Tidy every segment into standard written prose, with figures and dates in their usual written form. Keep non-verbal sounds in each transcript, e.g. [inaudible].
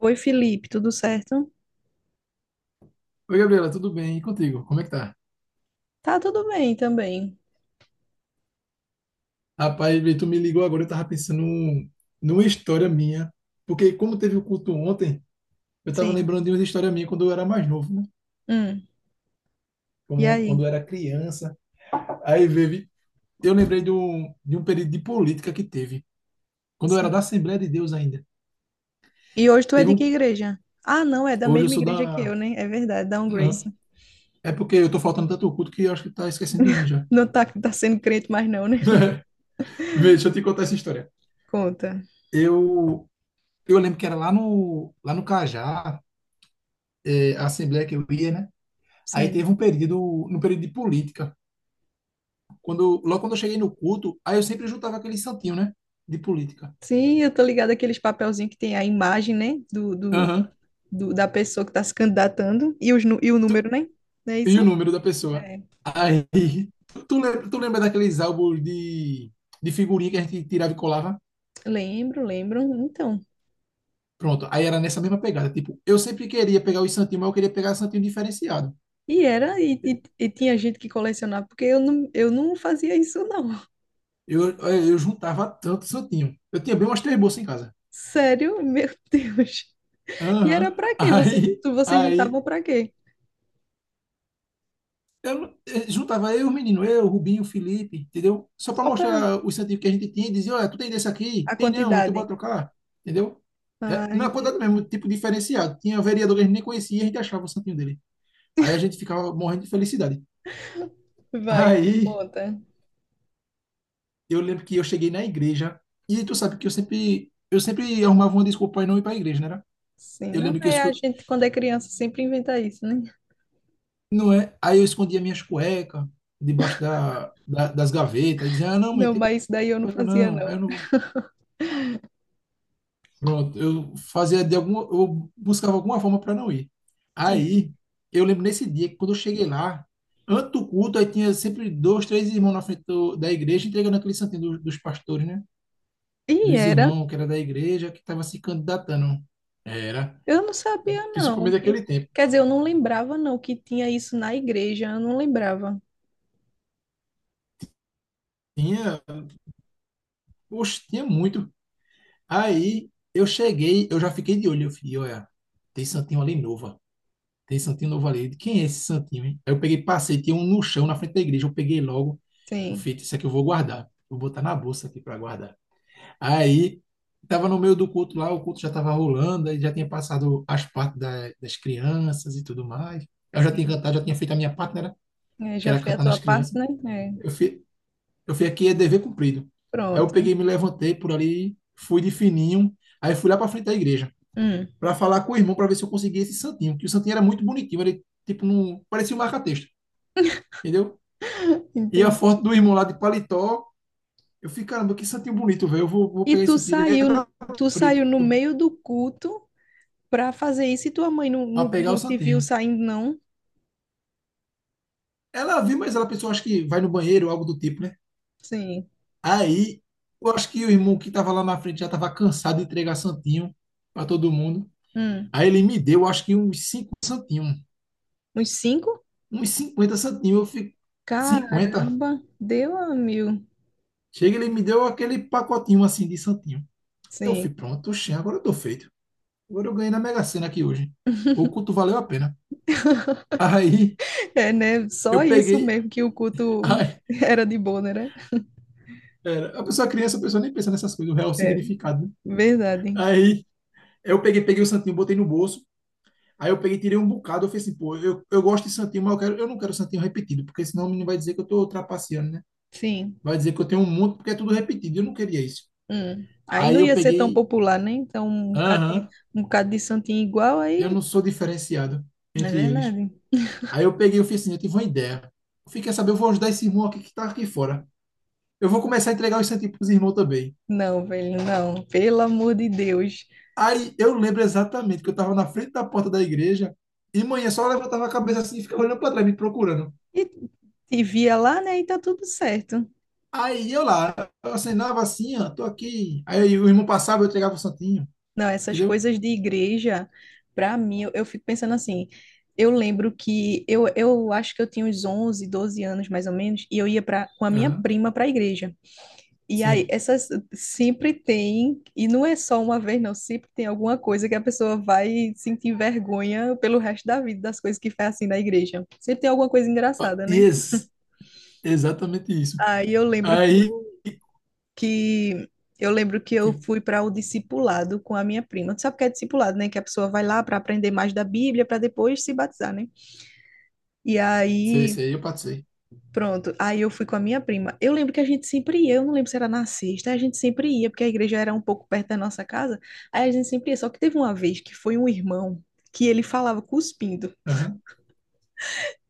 Oi, Felipe, tudo certo? Oi, Gabriela, tudo bem? E contigo? Como é que tá? Tá tudo bem também. Rapaz, Vitor, tu me ligou agora, eu tava pensando numa história minha, porque como teve o culto ontem, eu tava Sim. lembrando de uma história minha quando eu era mais novo, né? Hum. E Quando aí? eu era criança. Aí, Vivi, eu lembrei de um período de política que teve, quando eu era Sim. da Assembleia de Deus ainda. E hoje tu é Teve de que um... igreja? Ah, não, é da Hoje eu mesma sou igreja que eu, da... né? É verdade, da Um Hã? Grace. É porque eu tô faltando tanto culto que eu acho que tá esquecendo de mim já. Não tá, tá sendo crente mais não, né? [laughs] [laughs] Vê, deixa eu te contar essa história. Conta. Eu... Eu lembro que era lá no Cajá, é, a assembleia que eu ia, né? Aí teve Sim. um período, no período de política. Quando, logo quando eu cheguei no culto, aí eu sempre juntava aquele santinho, né? De política. Sim, eu tô ligada àqueles papelzinhos que tem a imagem, né? Do, do, Aham. do- da pessoa que tá se candidatando e, e o número, né? Não é E o isso? número da pessoa. É. Aí, tu lembra daqueles álbuns de figurinha que a gente tirava e colava? Lembro, lembro. Então. Pronto. Aí era nessa mesma pegada. Tipo, eu sempre queria pegar os santinhos, mas eu queria pegar santinho diferenciado. E era, e tinha gente que colecionava, porque eu não fazia isso, não. Eu juntava tanto santinho. Eu tinha bem umas três bolsas em casa. Sério? [laughs] Meu Deus. E era Aham. pra quê? Aí, Vocês juntavam aí pra quê? Eu, não- eh, juntava eu, os meninos, eu, Rubinho, Felipe, entendeu? Só para Só pra mostrar o incentivo que a gente tinha e dizia, olha, tu tem desse aqui? a Tem não, então bora quantidade. trocar, entendeu? É, Ah, na quantidade entendi. mesmo, tipo diferenciado. Tinha vereador que a gente nem conhecia e a gente achava o santinho dele. Aí a gente ficava morrendo de felicidade. Vai, Aí conta. eu lembro que eu cheguei na igreja e tu sabe que eu sempre arrumava uma desculpa para não ir para a igreja, né? era? Sim, Eu não, lembro que é a gente quando é criança sempre inventa isso, né? não é? Aí eu escondia minhas cuecas debaixo das gavetas e dizia, ah, não, mãe, Não, tem mas isso daí eu não cueca fazia, não. Aí não. eu não Pronto, eu fazia de alguma, eu buscava alguma forma para não ir. Sim. Aí, eu lembro nesse dia que quando eu cheguei lá, antes do culto, aí tinha sempre dois, três irmãos na frente da igreja entregando aquele santinho dos pastores, né? E Dos era? irmãos que era da igreja, que estava se candidatando. Era, Eu não sabia, não. principalmente Que- naquele tempo. Quer dizer, eu não lembrava, não, que tinha isso na igreja. Eu não lembrava. Tinha, poxa, tinha muito. Aí, eu cheguei, eu já fiquei de olho, eu falei, olha, tem santinho ali novo. Tem santinho novo ali. Quem é esse santinho, hein? Aí eu peguei, passei, tinha um no chão na frente da igreja. Eu peguei logo. Eu Sim, fiz, isso aqui eu vou guardar. Vou botar na bolsa aqui para guardar. Aí, tava no meio do culto lá, o culto já tava rolando, aí já tinha passado as partes das crianças e tudo mais. Eu já tinha sim. cantado, já tinha feito a minha parte, né? É, Que já era foi a cantar tua nas parte, crianças. né? É. Eu fui, eu fui aqui, é dever cumprido. Aí eu Pronto. peguei, me levantei por ali, fui de fininho. Aí fui lá para frente da igreja Hum, para falar com o irmão para ver se eu conseguia esse santinho, porque o santinho era muito bonitinho, ele tipo não parecia um marca-texto, entendeu? E a entendi. foto do irmão lá de paletó, eu fiquei, caramba, que santinho bonito, velho, vou E pegar tu esse santinho, ele saiu, era tu preto, saiu no meio do culto pra fazer isso e tua mãe para pegar o não te viu santinho. saindo, não? Ela viu, mas ela pensou, acho que vai no banheiro, ou algo do tipo, né? Sim. Aí, eu acho que o irmão que estava lá na frente já estava cansado de entregar santinho para todo mundo. Hum. Aí ele me deu, acho que uns 5 santinhos, Uns cinco? uns 50 santinhos, eu fico 50 Caramba, deu a mil. Chega, ele me deu aquele pacotinho assim de santinho. Eu fui Sim. pronto, oxê, agora eu tô feito. Agora eu ganhei na Mega Sena aqui hoje. O culto valeu a pena. Aí É, né? Só eu isso peguei. mesmo que o culto Ai, [laughs] era de boa, né? era, a pessoa criança, a pessoa nem pensa nessas coisas, o real É, significado, né? verdade. Aí eu peguei, peguei o santinho, botei no bolso. Aí eu peguei, tirei um bocado. Eu falei assim, pô, eu gosto de santinho, mas eu não quero santinho repetido, porque senão o menino vai dizer que eu tô trapaceando, né? Sim. Vai dizer que eu tenho um monte, porque é tudo repetido. Eu não queria isso. Hum. Aí não Aí eu ia ser tão peguei, popular, né? Então, aham, um bocado de santinho igual eu aí. não sou diferenciado É entre eles. verdade. Aí eu peguei e fiz assim, eu tive uma ideia. Eu fiquei saber, eu vou ajudar esse irmão aqui que tá aqui fora. Eu vou começar a entregar os centímetros pros irmãos também. Não, velho, não. Pelo amor de Deus. Aí eu lembro exatamente que eu tava na frente da porta da igreja e manhã só levantava a cabeça assim e ficava olhando pra trás, me procurando. E te via lá, né? E tá tudo certo. Aí eu lá, eu acenava assim, ó, tô aqui. Aí o irmão passava, eu entregava o santinho, Não, essas entendeu? coisas de igreja, pra mim, eu fico pensando assim. Eu lembro que eu acho que eu tinha uns 11, 12 anos mais ou menos, e eu ia pra, com a minha Aham, prima pra igreja. E aí, sim. essas sempre tem, e não é só uma vez, não, sempre tem alguma coisa que a pessoa vai sentir vergonha pelo resto da vida das coisas que faz assim na igreja. Sempre tem alguma coisa Ó, engraçada, né? Exatamente isso. Aí eu lembro que Aí, eu que eu lembro que eu sim, fui para o discipulado com a minha prima. Tu sabe o que é discipulado, né? Que a pessoa vai lá para aprender mais da Bíblia para depois se batizar, né? E sei, aí, sei, eu passei. pronto. Aí eu fui com a minha prima. Eu lembro que a gente sempre ia, eu não lembro se era na sexta, a gente sempre ia, porque a igreja era um pouco perto da nossa casa. Aí a gente sempre ia. Só que teve uma vez que foi um irmão que ele falava cuspindo. Aham.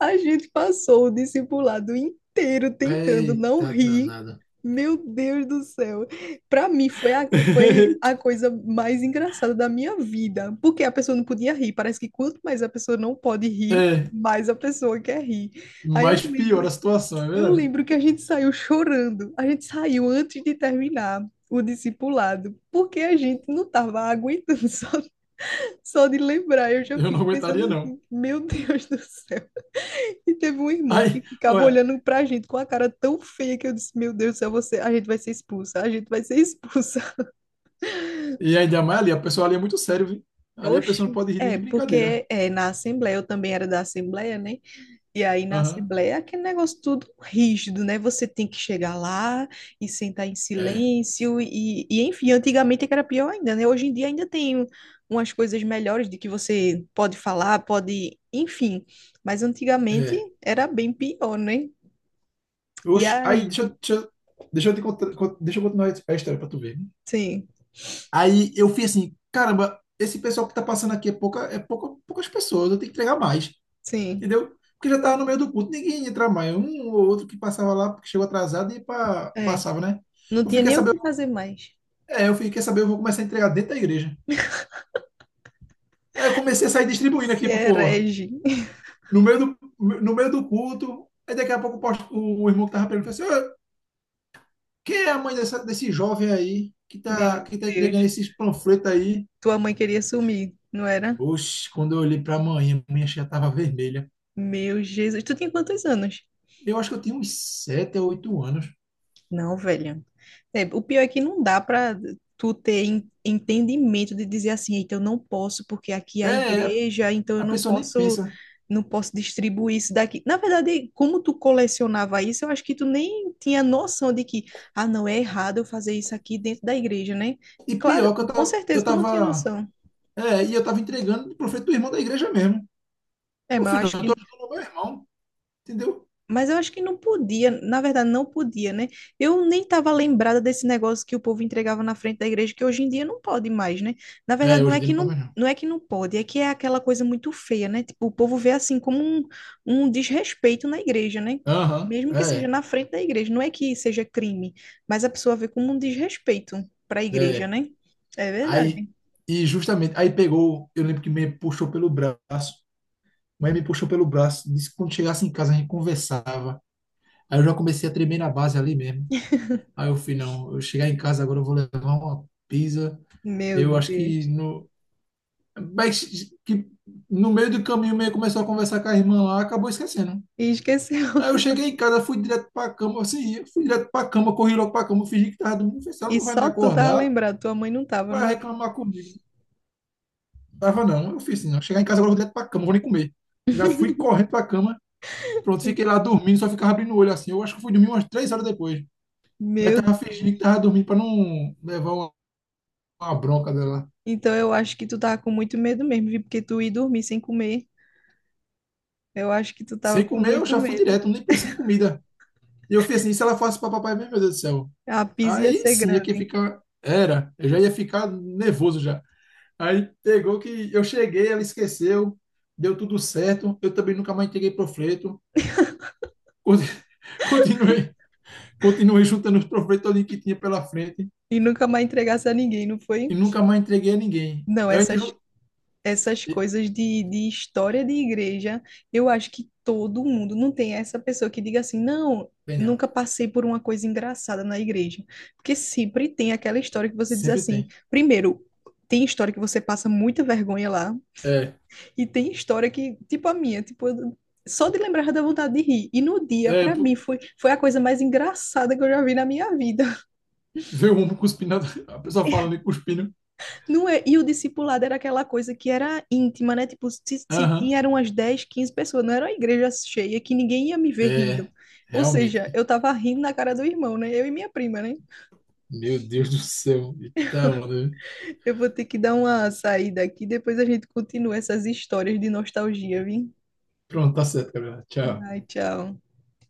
A gente passou o discipulado inteiro tentando não Eita rir. danada. Meu Deus do céu. Para mim foi foi a [laughs] coisa mais engraçada da minha vida, porque a pessoa não podia rir. Parece que quanto mais a pessoa não pode rir, É, mais a pessoa quer rir. Aí mas piora a situação, é eu verdade. lembro que a gente saiu chorando. A gente saiu antes de terminar o discipulado, porque a gente não estava aguentando [laughs] só de lembrar. Eu já Eu não fico pensando aguentaria, não. assim, meu Deus do céu. E teve um irmão que Aí, ficava olha, olhando pra gente com a cara tão feia que eu disse: Meu Deus do céu, você, a gente vai ser expulsa, a gente vai ser expulsa. e ainda mais ali, a pessoa ali é muito sério, viu? [laughs] Ali a Oxe. pessoa não pode rir nem de brincadeira. Na Assembleia, eu também era da Assembleia, né? E aí na Aham. Assembleia é aquele negócio tudo rígido, né? Você tem que chegar lá e sentar em É, silêncio, e enfim, antigamente é que era pior ainda, né? Hoje em dia ainda tem umas coisas melhores de que você pode falar, pode, enfim. Mas antigamente é. era bem pior, né? E Oxe, aí, aí, deixa, eu- deixa, eu- deixa eu te contar, con- deixa eu continuar a história pra tu ver. Né? sim. Aí eu fui assim, caramba, esse pessoal que tá passando aqui poucas pessoas, eu tenho que entregar mais, Sim, entendeu? Porque já tava no meio do culto, ninguém ia entrar mais. Um ou outro que passava lá, porque chegou atrasado e é. passava, né? Não Eu tinha fiquei quer nem o saber que fazer mais. Eu fiquei quer saber eu vou começar a entregar dentro da igreja. Aí eu comecei a sair distribuindo Esse aqui pro é povo. herege. [laughs] No meio do, no meio do culto, aí daqui a pouco o irmão que tava perguntando assim, "Ô, quem é a mãe desse jovem aí que Meu tá, que tá entregando Deus. esses panfletos aí? Tua mãe queria sumir, não era? Oxe, quando eu olhei pra mãe, a minha já tava vermelha. Meu Jesus. Tu tinha quantos anos? Eu acho que eu tinha uns 7 ou 8 anos. Não, velho. É, o pior é que não dá para tu ter en- entendimento de dizer assim, eita, eu não posso porque aqui é É, a é, igreja, então eu a não pessoa nem posso, pensa. não posso distribuir isso daqui. Na verdade, como tu colecionava isso, eu acho que tu nem tinha noção de que, ah, não, é errado eu fazer isso aqui dentro da igreja, né? E Claro, pior que com certeza tu não tinha noção. Eu tava entregando pro panfleto do irmão da igreja mesmo. É, No mas eu final, acho eu tô que ajudando o meu irmão, entendeu? Mas eu acho que não podia, na verdade, não podia, né? Eu nem estava lembrada desse negócio que o povo entregava na frente da igreja, que hoje em dia não pode mais, né? Na É, verdade, hoje em dia não pode mais não. não é que não pode, é que é aquela coisa muito feia, né? Tipo, o povo vê assim como um desrespeito na igreja, né? Aham, Mesmo que seja é, na frente da igreja, não é que seja crime, mas a pessoa vê como um desrespeito para a igreja, é. né? É verdade. Aí, e justamente, aí pegou, eu lembro que me puxou pelo braço, mas me puxou pelo braço, disse que quando chegasse em casa a gente conversava. Aí eu já comecei a tremer na base ali mesmo. Aí eu fui, não, eu chegar em casa agora eu vou levar uma pizza. Meu Eu acho que Deus. no, mas que no meio do caminho meio começou a conversar com a irmã lá, acabou esquecendo. E esqueceu. Aí eu [laughs] cheguei em casa, fui direto pra cama, assim, eu fui direto pra cama, corri logo pra cama, fingi que tava dormindo, falei, "Se ela E não vai me só tu tava acordar lembrado, tua mãe não tava. para Não- reclamar comigo. Tava não, eu fiz assim, não. Chegar em casa agora eu vou direto pra cama, não vou nem comer. Já fui correndo pra cama, pronto, fiquei lá dormindo, só ficava abrindo o olho assim. Eu acho que fui dormir umas 3 horas depois. Mas Meu tava fingindo que tava dormindo pra não levar uma bronca dela. Então eu acho que tu tava com muito medo mesmo, viu? Porque tu ia dormir sem comer. Eu acho que tu Sem tava com comer, eu muito já fui medo. direto, nem pensei em comida. E eu fiz assim, e se ela fosse pra papai mesmo, meu Deus do céu. A pizza ia Aí ser sim, aqui grande. fica. Era, eu já ia ficar nervoso já. Aí pegou que eu cheguei, ela esqueceu, deu tudo certo. Eu também nunca mais entreguei panfleto. Con- [laughs] Continuei, Continuei juntando os professores que tinha pela frente E nunca mais entregasse a ninguém, não foi? e nunca mais entreguei a ninguém. Não, Antes, essas coisas de história de igreja, eu acho que todo mundo não tem essa pessoa que diga assim, não, genial. nunca passei por uma coisa engraçada na igreja. Porque sempre tem aquela história que você diz Sempre assim, tem. primeiro, tem história que você passa muita vergonha lá. É, E tem história que, tipo a minha, tipo, eu- só de lembrar dá vontade de rir. E no dia, pra mim, pô, foi a coisa mais engraçada que eu já vi na minha vida. veio um cuspindo, [laughs] a pessoa falando e cuspindo. [laughs] Não é? E o discipulado era aquela coisa que era íntima, né? Tipo, se Aham. tinha eram umas 10, 15 pessoas, não era uma igreja cheia que ninguém ia me ver rindo. É, Ou realmente. seja, eu tava rindo na cara do irmão, né? Eu e minha prima, né? Meu Deus do céu. Então, né? Eu vou ter que dar uma saída aqui, depois a gente continua essas histórias de nostalgia, viu? Pronto, tá certo, galera. Tchau. Ai, tchau.